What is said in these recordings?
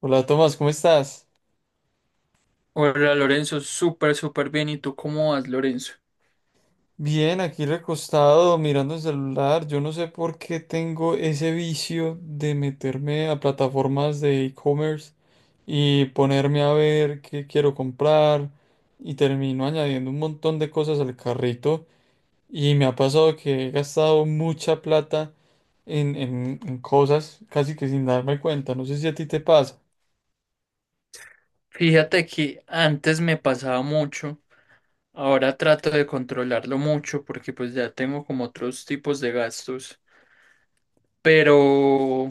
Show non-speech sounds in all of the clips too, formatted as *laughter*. Hola Tomás, ¿cómo estás? Hola Lorenzo, súper bien. ¿Y tú cómo vas, Lorenzo? Bien, aquí recostado mirando el celular. Yo no sé por qué tengo ese vicio de meterme a plataformas de e-commerce y ponerme a ver qué quiero comprar y termino añadiendo un montón de cosas al carrito y me ha pasado que he gastado mucha plata en cosas casi que sin darme cuenta. No sé si a ti te pasa. Fíjate que antes me pasaba mucho, ahora trato de controlarlo mucho porque pues ya tengo como otros tipos de gastos, pero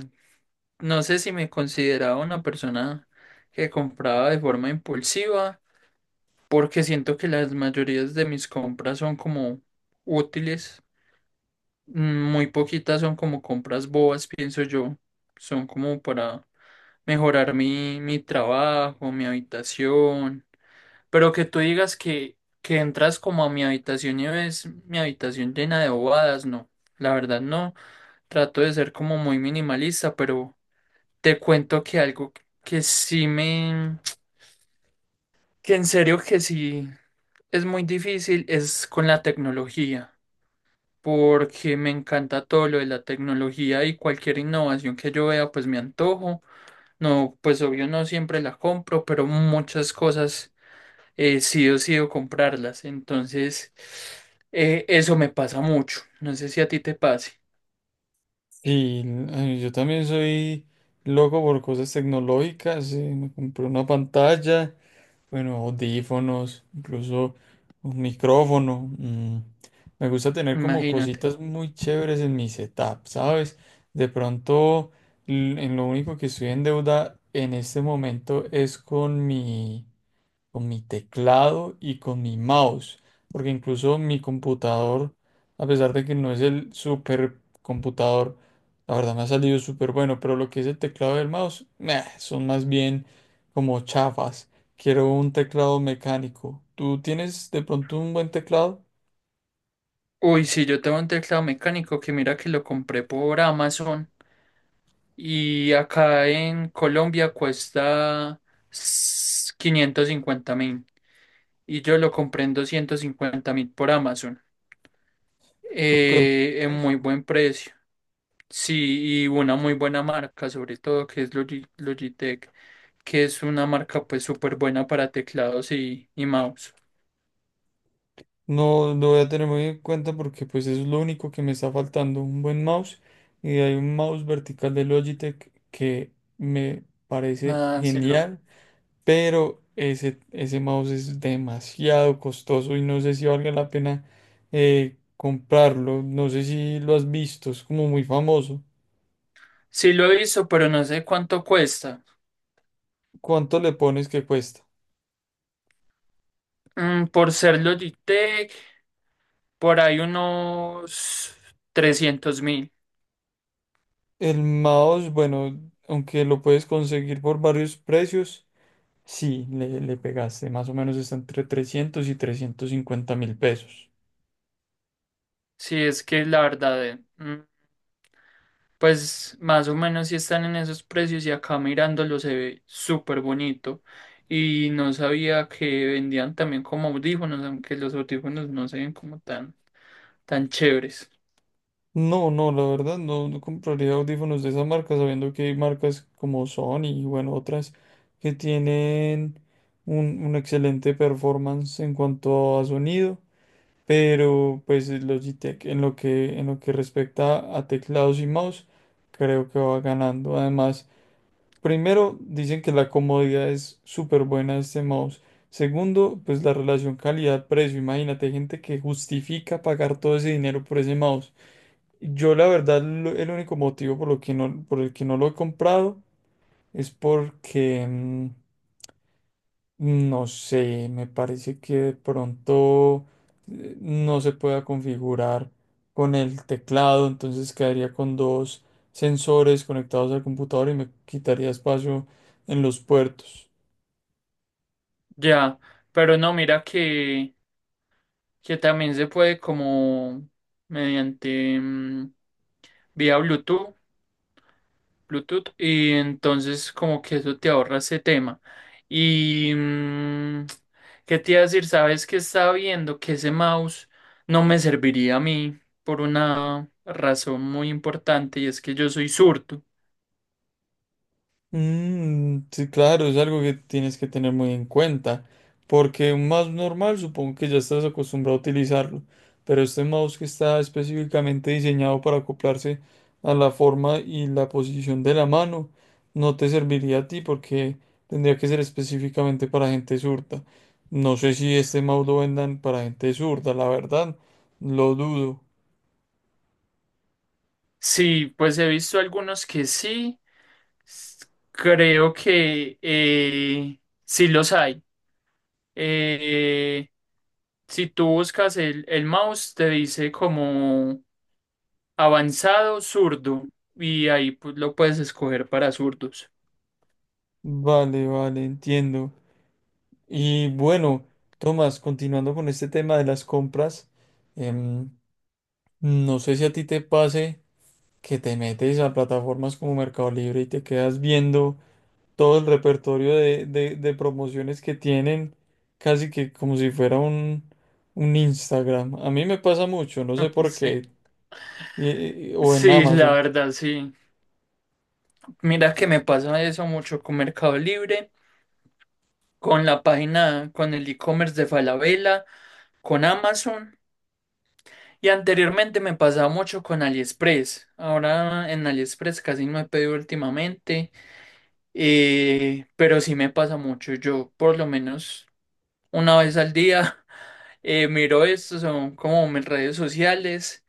no sé si me consideraba una persona que compraba de forma impulsiva porque siento que las mayorías de mis compras son como útiles. Muy poquitas son como compras bobas, pienso yo. Son como para mejorar mi trabajo, mi habitación. Pero que tú digas que entras como a mi habitación y ves mi habitación llena de bobadas, no. La verdad no. Trato de ser como muy minimalista, pero te cuento que algo que sí me... que en serio que sí es muy difícil es con la tecnología. Porque me encanta todo lo de la tecnología y cualquier innovación que yo vea, pues me antojo. No, pues obvio no siempre la compro, pero muchas cosas sí o sí o comprarlas. Entonces, eso me pasa mucho. No sé si a ti te pase. Y yo también soy loco por cosas tecnológicas. Me compré una pantalla. Bueno, audífonos, incluso un micrófono. Me gusta tener como Imagínate. cositas muy chéveres en mi setup, ¿sabes? De pronto, en lo único que estoy en deuda en este momento es con mi teclado y con mi mouse, porque incluso mi computador, a pesar de que no es el super computador, la verdad me ha salido súper bueno, pero lo que es el teclado y el mouse, meh, son más bien como chafas. Quiero un teclado mecánico. ¿Tú tienes de pronto un buen teclado? Uy, sí, yo tengo un teclado mecánico que mira que lo compré por Amazon y acá en Colombia cuesta 550.000 y yo lo compré en 250.000 por Amazon. Súper, En muy buen precio. Sí, y una muy buena marca, sobre todo que es Logitech, que es una marca pues súper buena para teclados y mouse. no lo voy a tener muy en cuenta porque pues es lo único que me está faltando, un buen mouse. Y hay un mouse vertical de Logitech que me parece Ah, sí lo, genial, pero ese mouse es demasiado costoso y no sé si valga la pena comprarlo. No sé si lo has visto, es como muy famoso. sí lo he visto, pero no sé cuánto cuesta. ¿Cuánto le pones que cuesta? Por ser Logitech, por ahí unos 300.000. El mouse, bueno, aunque lo puedes conseguir por varios precios, sí, le pegaste. Más o menos está entre 300 y 350 mil pesos. Si es que la verdad, pues más o menos si están en esos precios y acá mirándolo se ve súper bonito. Y no sabía que vendían también como audífonos, aunque los audífonos no se ven como tan chéveres. No, no, la verdad no, no compraría audífonos de esa marca, sabiendo que hay marcas como Sony y bueno, otras que tienen un excelente performance en cuanto a sonido, pero pues el Logitech en lo que respecta a teclados y mouse, creo que va ganando. Además, primero, dicen que la comodidad es súper buena de este mouse. Segundo, pues la relación calidad-precio. Imagínate, hay gente que justifica pagar todo ese dinero por ese mouse. Yo la verdad, el único motivo por lo que no, por el que no lo he comprado es porque, no sé, me parece que de pronto no se pueda configurar con el teclado, entonces quedaría con dos sensores conectados al computador y me quitaría espacio en los puertos. Ya, pero no, mira que también se puede como mediante vía Bluetooth y entonces como que eso te ahorra ese tema. Y mm, Qué te iba a decir, sabes que estaba viendo que ese mouse no me serviría a mí por una razón muy importante y es que yo soy zurdo. Mm, sí, claro, es algo que tienes que tener muy en cuenta, porque un mouse normal supongo que ya estás acostumbrado a utilizarlo, pero este mouse que está específicamente diseñado para acoplarse a la forma y la posición de la mano, no te serviría a ti porque tendría que ser específicamente para gente zurda. No sé si este mouse lo vendan para gente zurda, la verdad, lo dudo. Sí, pues he visto algunos que sí, s- creo que sí los hay. Eh, si tú buscas el mouse, te dice como avanzado, zurdo. Y ahí pues, lo puedes escoger para zurdos. Vale, vale, entiendo. Y bueno, Tomás, continuando con este tema de las compras, em, no sé si a ti te pase que te metes a plataformas como Mercado Libre y te quedas viendo todo el repertorio de promociones que tienen, casi que como si fuera un Instagram. A mí me pasa mucho, no sé *laughs* por Sí. qué, y- o en Sí, la Amazon. verdad, sí. Mira que me pasa eso mucho con Mercado Libre, con la página, con el e-commerce de Falabella, con Amazon. Y anteriormente me pasaba mucho con AliExpress. Ahora en AliExpress casi no he pedido últimamente. Pero sí me pasa mucho. Yo por lo menos una vez al día. *laughs* Miro esto, son como mis redes sociales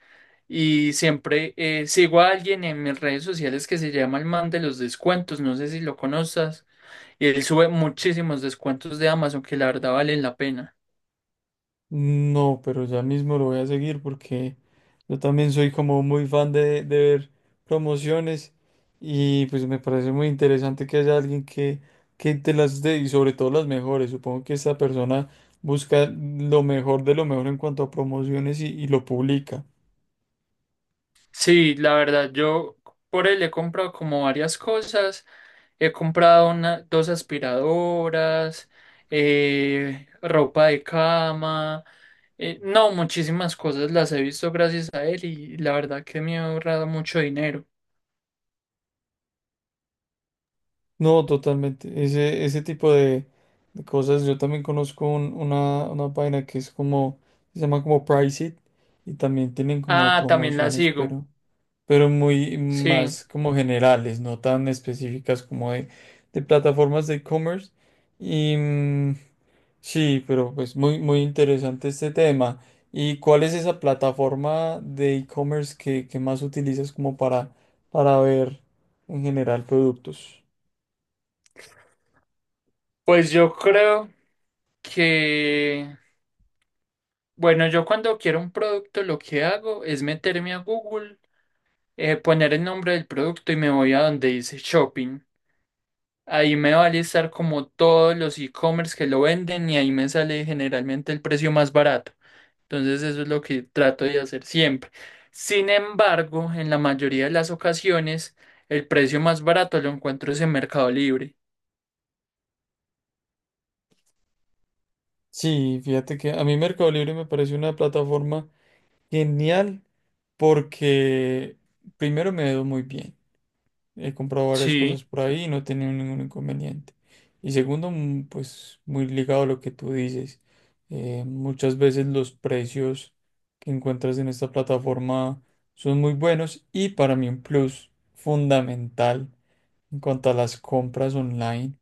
y siempre sigo a alguien en mis redes sociales que se llama el man de los descuentos, no sé si lo conozcas, y él sube muchísimos descuentos de Amazon que la verdad valen la pena. No, pero ya mismo lo voy a seguir porque... Yo también soy como muy fan de ver promociones y pues me parece muy interesante que haya alguien que, te las dé y sobre todo las mejores. Supongo que esta persona busca lo mejor de lo mejor en cuanto a promociones y lo publica. Sí, la verdad, yo por él he comprado como varias cosas. He comprado una, dos aspiradoras, ropa de cama. No, muchísimas cosas las he visto gracias a él y la verdad que me ha ahorrado mucho dinero. No, totalmente. Ese tipo de cosas. Yo también conozco una página que es como, se llama como Priceit y también tienen como Ah, también la promociones, sigo. Pero muy Sí. más como generales, no tan específicas como de plataformas de e-commerce. Y mm, sí, pero pues muy, muy interesante este tema. ¿Y cuál es esa plataforma de e-commerce que más utilizas como para ver en general productos? Pues yo creo que, bueno, yo cuando quiero un producto lo que hago es meterme a Google, poner el nombre del producto y me voy a donde dice shopping. Ahí me va a listar como todos los e-commerce que lo venden y ahí me sale generalmente el precio más barato. Entonces eso es lo que trato de hacer siempre. Sin embargo, en la mayoría de las ocasiones, el precio más barato lo encuentro es en Mercado Libre. Sí, fíjate que a mí Mercado Libre me parece una plataforma genial porque primero me ha ido muy bien. He comprado varias Sí, cosas por ahí y no he tenido ningún inconveniente. Y segundo, pues muy ligado a lo que tú dices. Muchas veces los precios que encuentras en esta plataforma son muy buenos y para mí un plus fundamental en cuanto a las compras online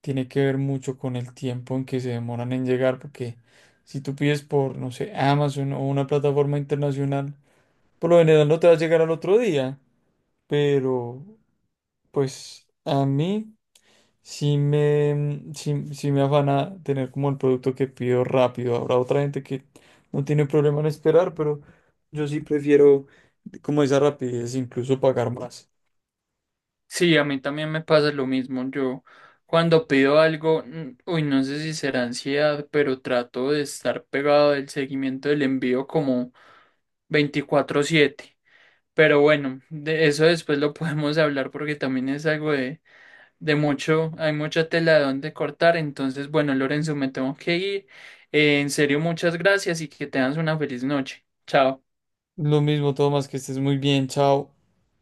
tiene que ver mucho con el tiempo en que se demoran en llegar porque si tú pides por, no sé, Amazon o una plataforma internacional, por lo general no te va a llegar al otro día, pero pues a mí sí me, sí, sí me afana tener como el producto que pido rápido. Habrá otra gente que no tiene problema en esperar, pero yo sí prefiero como esa rapidez, incluso pagar más. sí, a mí también me pasa lo mismo. Yo cuando pido algo, no sé si será ansiedad, pero trato de estar pegado del seguimiento del envío como 24/7. Pero bueno, de eso después lo *laughs* podemos hablar porque también es algo de mucho, hay mucha tela de donde cortar. Entonces, bueno, Lorenzo, me tengo que ir. En serio, muchas gracias y que tengas una feliz noche. Chao. Lo mismo, Tomás, que estés muy bien, chao.